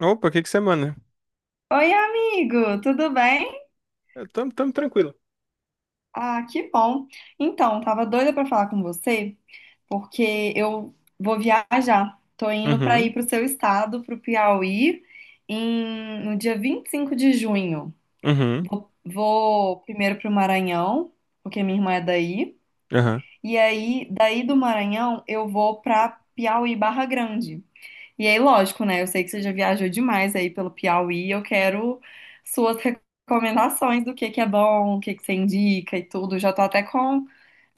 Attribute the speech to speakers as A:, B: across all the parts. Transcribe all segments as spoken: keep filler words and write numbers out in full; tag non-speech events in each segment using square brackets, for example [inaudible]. A: Opa, que que você manda?
B: Oi, amigo, tudo bem?
A: Eu tamo, tamo tranquilo.
B: Ah, que bom. Então, tava doida pra falar com você, porque eu vou viajar. Tô indo pra
A: Uhum,
B: ir pro seu estado, pro Piauí, em- no dia vinte e cinco de junho.
A: uhum,
B: Vou, vou primeiro pro Maranhão, porque minha irmã é daí,
A: aham.
B: e aí daí do Maranhão eu vou pra Piauí Barra Grande. E aí, lógico, né? Eu sei que você já viajou demais aí pelo Piauí. Eu quero suas recomendações do que que é bom, o que que você indica e tudo. Já tô até com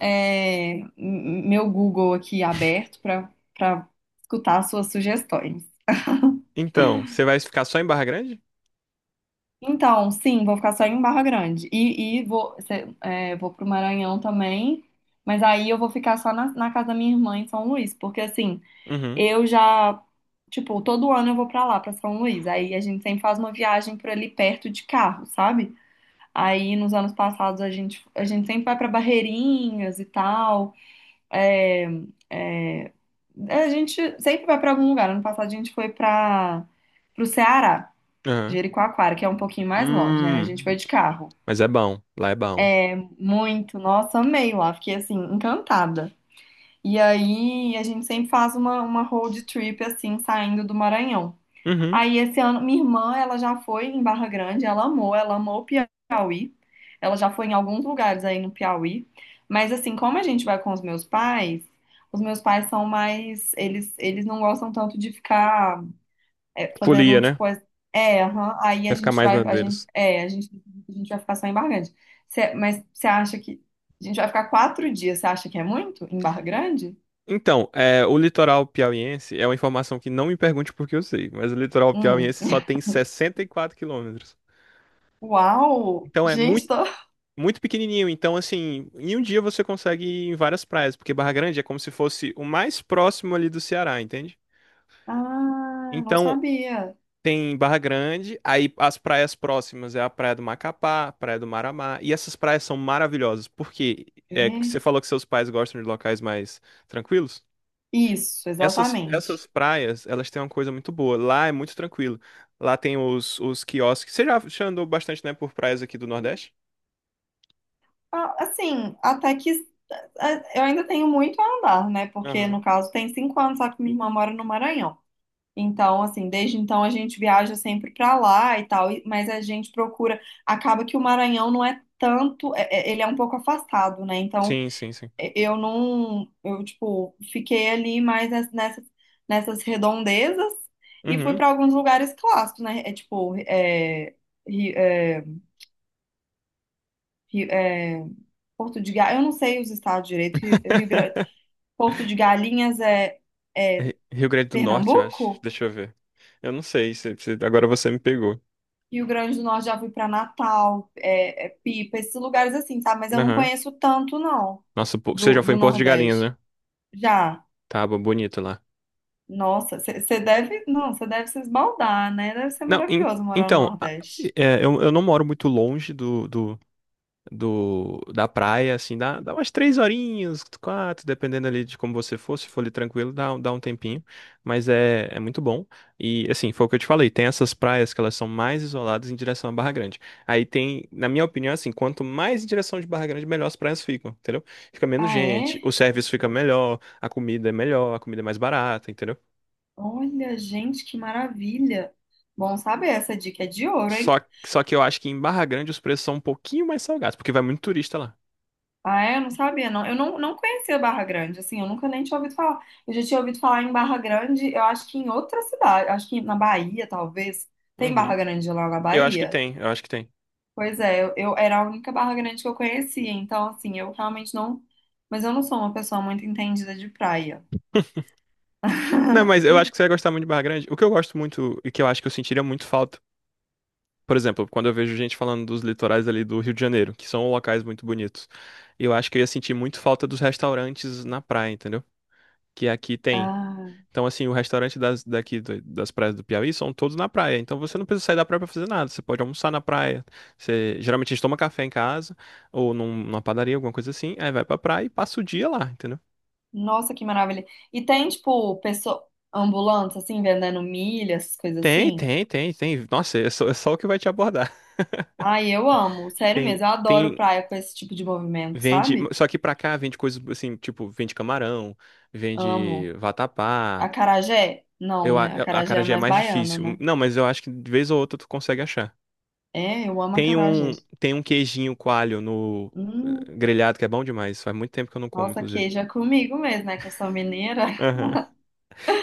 B: é, m- meu Google aqui aberto para para escutar suas sugestões.
A: Então, você vai ficar só em Barra Grande?
B: Então, sim, vou ficar só em Barra Grande. E, e vou, cê- é, vou pro Maranhão também. Mas aí eu vou ficar só na, na casa da minha irmã em São Luís, porque assim.
A: Uhum,
B: Eu já, tipo, todo ano eu vou pra lá, pra São Luís. Aí a gente sempre faz uma viagem por ali perto de carro, sabe? Aí nos anos passados a gente, a gente sempre vai pra Barreirinhas e tal. É, é, a gente sempre vai pra algum lugar. Ano passado a gente foi para pro Ceará,
A: aham.
B: Jericoacoara, que é um pouquinho mais longe, né? A gente foi
A: Hum,
B: de carro.
A: mas é bom, lá é bom.
B: Muito, nossa, amei lá, fiquei assim, encantada. E aí a gente sempre faz uma, uma road trip assim, saindo do Maranhão.
A: Uhum.
B: Aí esse ano, minha irmã, ela já foi em Barra Grande, ela amou, ela amou o Piauí. Ela já foi em alguns lugares aí no Piauí. Mas assim, como a gente vai com os meus pais, os meus pais são mais, eles eles não gostam tanto de ficar é, fazendo
A: Folia,
B: tipo
A: né?
B: as- é, aham, aí a
A: Vai ficar
B: gente
A: mais na
B: vai, a gente
A: deles.
B: é, a gente a gente vai ficar só em Barra Grande. Cê- mas você acha que a gente vai ficar quatro dias? Você acha que é muito em Barra Grande?
A: Então, é, o litoral piauiense é uma informação que não me pergunte porque eu sei, mas o litoral
B: Hum.
A: piauiense só tem sessenta e quatro quilômetros.
B: [laughs] Uau!
A: Então é
B: Gente,
A: muito,
B: tô.
A: muito pequenininho. Então, assim, em um dia você consegue ir em várias praias, porque Barra Grande é como se fosse o mais próximo ali do Ceará, entende?
B: Ah, não
A: Então,
B: sabia.
A: tem Barra Grande, aí as praias próximas é a Praia do Macapá, a Praia do Maramá, e essas praias são maravilhosas, porque é, que você
B: É.
A: falou que seus pais gostam de locais mais tranquilos.
B: Isso,
A: Essas,
B: exatamente.
A: essas praias, elas têm uma coisa muito boa. Lá é muito tranquilo. Lá tem os, os quiosques. Você já, já andou bastante, né, por praias aqui do Nordeste?
B: Ah, assim, até que ah, eu ainda tenho muito a andar, né? Porque
A: Aham.
B: no caso tem cinco anos, só que minha irmã mora no Maranhão. Então, assim, desde então a gente viaja sempre pra lá e tal, e- mas a gente procura. Acaba que o Maranhão não é tanto, é- é- ele é um pouco afastado, né? Então,
A: Sim, sim, sim.
B: é- eu não, eu tipo, fiquei ali mais nes- nessas, nessas redondezas e fui
A: Uhum.
B: pra alguns lugares clássicos, né? É tipo, é, Ri- é, Ri- é, Porto de Galinhas, eu não sei os estados direito. Rio, Rio Grande, Porto de Galinhas é, é
A: Ri- Rio Grande do Norte, eu acho.
B: Pernambuco?
A: Deixa eu ver. Eu não sei, se- se- agora você me pegou.
B: Rio Grande do Norte já fui para Natal, é, é Pipa, esses lugares assim, sabe? Mas eu não
A: Aham.
B: conheço tanto, não,
A: Nossa, pô, você
B: do,
A: já foi
B: do
A: em Porto de Galinhas,
B: Nordeste.
A: né?
B: Já,
A: Tava bonito lá.
B: nossa, você deve, não, você deve se esbaldar, né? Deve ser
A: Não, en-
B: maravilhoso morar no
A: então, a-
B: Nordeste.
A: é, eu, eu não moro muito longe do, do, do- da praia, assim, dá, dá umas três horinhas, quatro, dependendo ali de como você for, se for ali tranquilo, dá, um- dá um tempinho, mas é, é muito bom. E, assim, foi o que eu te falei, tem essas praias que elas são mais isoladas em direção à Barra Grande. Aí tem, na minha opinião, assim, quanto mais em direção de Barra Grande, melhor as praias ficam, entendeu? Fica menos
B: Ah,
A: gente,
B: é?
A: o serviço fica melhor, a comida é melhor, a comida é mais barata, entendeu?
B: Olha, gente, que maravilha. Bom saber, essa dica é de ouro, hein?
A: Só, só que eu acho que em Barra Grande os preços são um pouquinho mais salgados, porque vai muito turista lá.
B: Ah, é? Eu não sabia, não. Eu não, não conhecia Barra Grande, assim, eu nunca nem tinha ouvido falar. Eu já tinha ouvido falar em Barra Grande, eu acho que em outra cidade, acho que na Bahia, talvez. Tem Barra
A: Uhum.
B: Grande lá na
A: Eu acho que
B: Bahia?
A: tem, eu acho que tem.
B: Pois é, eu, eu era a única Barra Grande que eu conhecia, então, assim, eu realmente não. Mas eu não sou uma pessoa muito entendida de praia.
A: Não, mas
B: [laughs]
A: eu acho que você vai gostar muito de Barra Grande. O que eu gosto muito e que eu acho que eu sentiria muito falta, por exemplo, quando eu vejo gente falando dos litorais ali do Rio de Janeiro, que são locais muito bonitos, eu acho que eu ia sentir muito falta dos restaurantes na praia, entendeu? Que aqui tem.
B: Ah,
A: Então, assim, o restaurante das, daqui do- das praias do Piauí são todos na praia. Então, você não precisa sair da praia pra fazer nada. Você pode almoçar na praia. Você, geralmente, a gente toma café em casa ou num- numa padaria, alguma coisa assim. Aí vai pra praia e passa o dia lá, entendeu?
B: nossa, que maravilha. E tem, tipo, pessoa, ambulância, assim, vendendo milha, essas coisas
A: Tem,
B: assim?
A: tem, tem, tem. Nossa, é só, é só o que vai te abordar. [laughs]
B: Ai, eu amo, sério
A: Tem,
B: mesmo, eu adoro
A: tem,
B: praia com esse tipo de movimento,
A: vende.
B: sabe?
A: Só que pra cá vende coisas assim, tipo, vende camarão, vende
B: Amo.
A: vatapá.
B: Acarajé? Não,
A: Eu, a,
B: né?
A: a
B: Acarajé é
A: acarajé é
B: mais
A: mais
B: baiano,
A: difícil.
B: né?
A: Não, mas eu acho que de vez ou outra tu consegue achar.
B: É, eu amo
A: Tem
B: acarajé.
A: um, tem um queijinho coalho no eh,
B: Hum,
A: grelhado que é bom demais. Faz muito tempo que eu não como,
B: nossa,
A: inclusive.
B: queijo é comigo mesmo, né? Que eu sou mineira, [laughs]
A: Aham.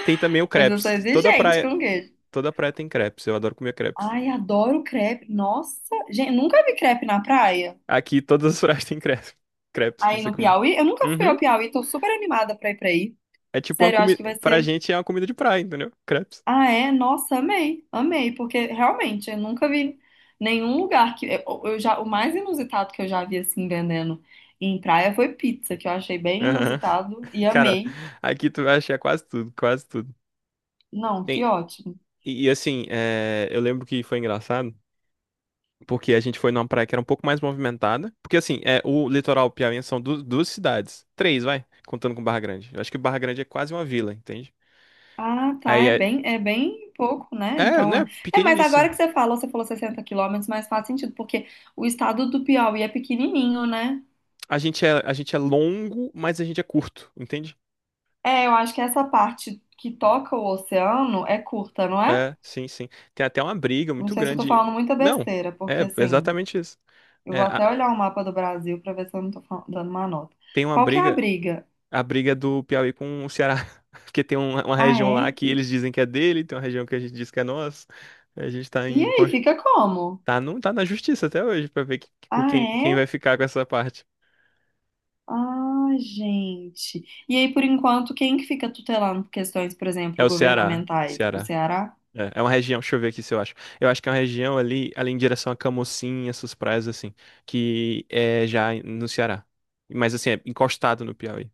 A: Tem também o
B: mas eu sou
A: crepes que Toda
B: exigente
A: praia,
B: com queijo.
A: toda praia tem crepes. Eu adoro comer crepes.
B: Ai, adoro crepe. Nossa, gente, nunca vi crepe na praia.
A: Aqui todas as praias [laughs] têm crepes. Crepes pra
B: Aí
A: você
B: no
A: comer.
B: Piauí, eu nunca fui ao
A: Uhum.
B: Piauí, tô super animada pra ir pra aí.
A: É tipo uma
B: Sério, eu acho
A: comida.
B: que vai
A: Pra
B: ser.
A: gente é uma comida de praia, entendeu? Crepes.
B: Ah, é? Nossa, amei, amei, porque realmente eu nunca vi nenhum lugar que eu, eu já o mais inusitado que eu já vi assim vendendo em praia foi pizza, que eu achei bem
A: Aham.
B: inusitado e
A: [laughs] Cara,
B: amei.
A: aqui tu vai achar quase tudo, quase tudo.
B: Não, que
A: Tem.
B: ótimo.
A: E, e assim, eh, eu lembro que foi engraçado. Porque a gente foi numa praia que era um pouco mais movimentada. Porque, assim, é, o litoral piauiense são du- duas cidades. Três, vai. Contando com Barra Grande. Eu acho que Barra Grande é quase uma vila, entende?
B: Ah, tá,
A: Aí
B: é
A: é,
B: bem, é bem pouco, né?
A: é,
B: Então é.
A: né?
B: É, mas agora
A: Pequeniníssimo.
B: que você fala, você falou sessenta quilômetros, mas faz sentido, porque o estado do Piauí é pequenininho, né?
A: A gente é, a gente é longo, mas a gente é curto, entende?
B: É, eu acho que essa parte que toca o oceano é curta, não é?
A: É, sim, sim. Tem até uma briga
B: Não
A: muito
B: sei se eu tô
A: grande.
B: falando muita
A: Não,
B: besteira,
A: é
B: porque assim.
A: exatamente isso.
B: Eu
A: É,
B: vou até
A: a-
B: olhar o mapa do Brasil pra ver se eu não tô fal- dando uma nota.
A: tem uma
B: Qual que é a
A: briga,
B: briga?
A: a briga do Piauí com o Ceará. [laughs] Porque tem uma, uma
B: Ah,
A: região lá
B: é?
A: que eles dizem que é dele, tem uma região que a gente diz que é nossa. A gente tá
B: E
A: em.
B: aí, fica como?
A: Tá, não, tá na justiça até hoje pra ver que- que-
B: Ah,
A: quem, quem
B: é?
A: vai ficar com essa parte.
B: Ah, gente. E aí, por enquanto, quem que fica tutelando questões, por
A: É
B: exemplo,
A: o Ceará.
B: governamentais? O
A: Ceará.
B: Ceará?
A: É, é uma região, deixa eu ver aqui se eu acho. Eu acho que é uma região ali, ali em direção a Camocim, essas praias assim, que é já no Ceará. Mas assim, é encostado no Piauí.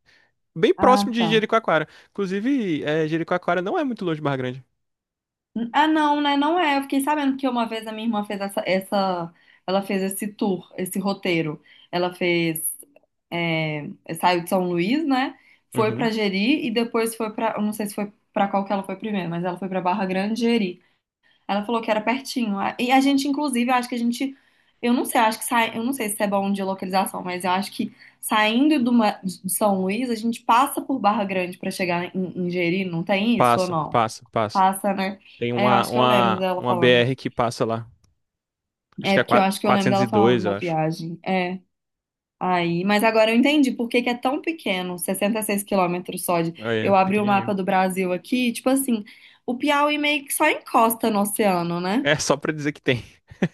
A: Bem próximo
B: Ah,
A: de
B: tá.
A: Jericoacoara. Inclusive, é, Jericoacoara não é muito longe de Barra Grande.
B: Ah, não, né? Não é. Eu fiquei sabendo que uma vez a minha irmã fez essa, essa, ela fez esse tour, esse roteiro. Ela fez, é, saiu de São Luís, né? Foi pra
A: Uhum.
B: Jeri e depois foi pra, eu não sei se foi pra qual que ela foi primeiro, mas ela foi pra Barra Grande e Jeri. Ela falou que era pertinho. A- E a gente, inclusive, eu acho que a gente, eu não sei, eu acho que sai, eu não sei se é bom de localização, mas eu acho que saindo do Ma- de São Luís, a gente passa por Barra Grande pra chegar em, em Jeri, não tem isso ou
A: Passa,
B: não?
A: passa, passa.
B: Passa, né?
A: Tem
B: É, eu
A: uma,
B: acho que eu lembro
A: uma,
B: dela
A: uma
B: falando.
A: B R que passa lá. Acho
B: É,
A: que é
B: porque eu
A: 4-
B: acho que eu lembro dela falando
A: 402,
B: na
A: eu acho.
B: viagem. É. Aí, mas agora eu entendi por que que é tão pequeno, sessenta e seis quilômetros só de. Eu
A: Olha,
B: abri o
A: pequenininho.
B: mapa do Brasil aqui, tipo assim, o Piauí meio que só encosta no oceano, né?
A: É só pra dizer que tem.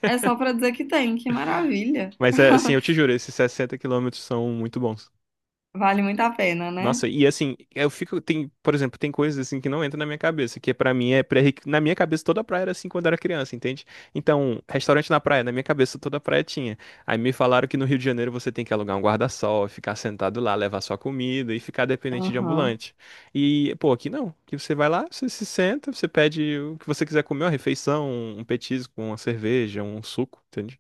B: É só pra dizer que tem, que maravilha.
A: Mas é assim, eu te
B: [laughs]
A: juro, esses sessenta quilômetros são muito bons.
B: Vale muito a pena, né?
A: Nossa, e assim, eu fico, tem, por exemplo, tem coisas assim que não entram na minha cabeça, que pra mim é pré, na minha cabeça toda praia era assim quando eu era criança, entende? Então, restaurante na praia, na minha cabeça toda praia tinha. Aí me falaram que no Rio de Janeiro você tem que alugar um guarda-sol, ficar sentado lá, levar sua comida e ficar dependente de
B: Aham.
A: ambulante. E, pô, aqui não. Aqui você vai lá, você se senta, você pede o que você quiser comer, uma refeição, um petisco, uma cerveja, um suco, entende?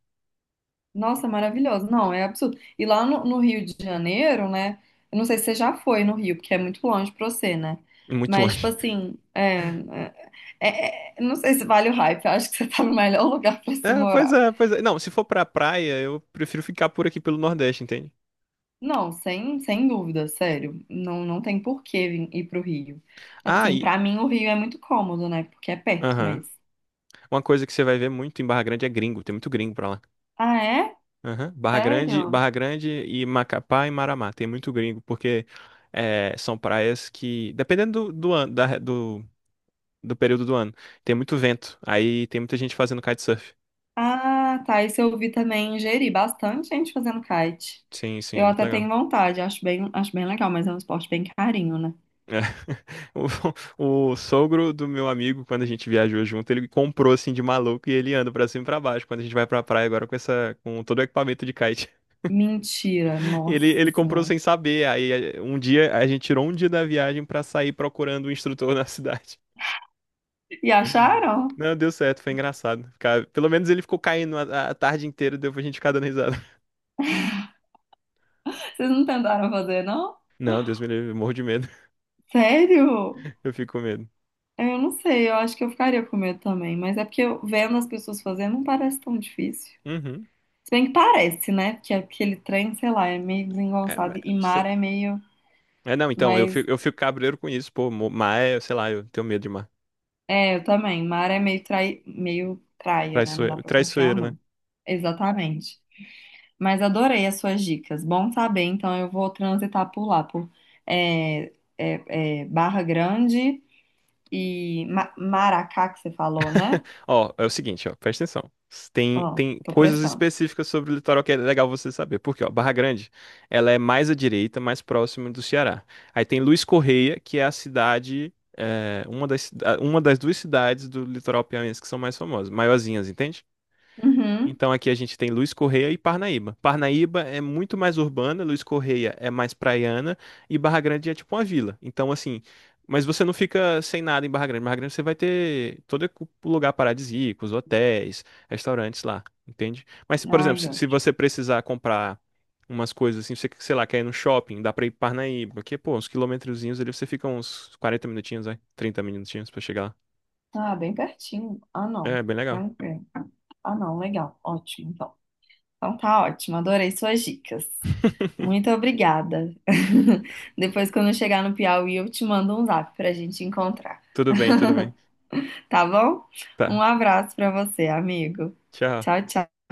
B: Nossa, maravilhoso. Não, é absurdo. E lá no, no Rio de Janeiro, né? Eu não sei se você já foi no Rio, porque é muito longe pra você, né?
A: Muito [laughs]
B: Mas, tipo
A: longe.
B: assim, é, é, É, é, não sei se vale o hype, eu acho que você tá no melhor lugar pra se
A: É, pois
B: morar.
A: é, pois é. Não, se for pra praia, eu prefiro ficar por aqui pelo Nordeste, entende?
B: Não, sem, sem dúvida, sério. Não, não tem por que vir- ir pro Rio.
A: Ah,
B: Assim,
A: e.
B: pra mim o Rio é muito cômodo, né? Porque é perto,
A: Aham.
B: mas.
A: Uma coisa que você vai ver muito em Barra Grande é gringo, tem muito gringo pra lá.
B: Ah, é?
A: Aham. Barra Grande,
B: Sério?
A: Barra Grande e Macapá e Maramá, tem muito gringo, porque é, são praias que, dependendo do, do ano, da- do, do período do ano, tem muito vento, aí tem muita gente fazendo kitesurf.
B: Ah, tá. Isso eu vi também em Jeri, bastante gente fazendo kite.
A: Sim, sim, é
B: Eu
A: muito
B: até tenho
A: legal.
B: vontade, acho bem, acho bem legal, mas é um esporte bem carinho, né?
A: É. [laughs] O, o sogro do meu amigo, quando a gente viajou junto, ele comprou assim de maluco e ele anda pra cima e pra baixo. Quando a gente vai pra praia agora com essa, com todo o equipamento de kite,
B: Mentira,
A: [laughs]
B: nossa
A: ele, ele comprou
B: senhora.
A: sem saber. Aí eh, um dia a gente tirou um dia da viagem pra sair procurando um instrutor [laughs] na cidade.
B: E acharam?
A: Não, deu certo, foi engraçado. Ficar- pelo menos ele ficou caindo a, a tarde inteira, deu pra gente ficar dando risada. [laughs]
B: Vocês não tentaram fazer, não?
A: Não, Deus me livre, eu morro de medo.
B: Sério?
A: [laughs] Eu fico com medo.
B: É, eu não sei, eu acho que eu ficaria com medo também, mas é porque eu, vendo as pessoas fazendo não parece tão difícil.
A: Uhum.
B: Se bem que parece, né? Porque aquele trem, sei lá, é meio
A: É, mas
B: desengonçado e
A: você-
B: mar é meio,
A: é, não, então, eu
B: mas
A: fico, eu fico cabreiro com isso, pô, mo- mas, sei lá, eu tenho medo de mar.
B: é, eu também, mar é meio trai, meio praia, né? Não dá
A: Traiçoeiro,
B: pra confiar
A: traiçoeiro, né?
B: muito. Exatamente. Mas adorei as suas dicas. Bom saber, então eu vou transitar por lá, por é, é, é, Barra Grande e Ma- Maracá que você falou, né?
A: Ó, é o seguinte, ó, presta atenção. Tem,
B: Ó,
A: tem
B: tô
A: coisas
B: prestando.
A: específicas sobre o litoral que é legal você saber. Porque, ó, Barra Grande, ela é mais à direita, mais próxima do Ceará. Aí tem Luiz Correia, que é a cidade, é, uma das, uma das duas cidades do litoral piauiense que são mais famosas, maiorzinhas, entende?
B: Uhum.
A: Então aqui a gente tem Luiz Correia e Parnaíba. Parnaíba é muito mais urbana, Luiz Correia é mais praiana e Barra Grande é tipo uma vila. Então assim, mas você não fica sem nada em Barra Grande. Barra Grande você vai ter todo o lugar paradisíaco, os hotéis, restaurantes lá, entende? Mas se, por exemplo,
B: Ai,
A: se se
B: ótimo.
A: você precisar comprar umas coisas assim, você, sei lá, quer ir no shopping, dá pra ir pra Parnaíba, que pô, uns quilometrozinhos ali você fica uns quarenta minutinhos, vai, trinta minutinhos pra chegar lá.
B: Ah, bem pertinho. Ah, não.
A: É, bem legal.
B: Tranquilo. Ah, não. Legal. Ótimo, então. Então tá ótimo. Adorei suas dicas.
A: [laughs]
B: Muito obrigada. [laughs] Depois, quando eu chegar no Piauí, eu te mando um zap pra gente encontrar,
A: Tudo bem, tudo bem.
B: tá bom? Um
A: Tá.
B: abraço pra você, amigo.
A: Tchau.
B: Tchau, tchau.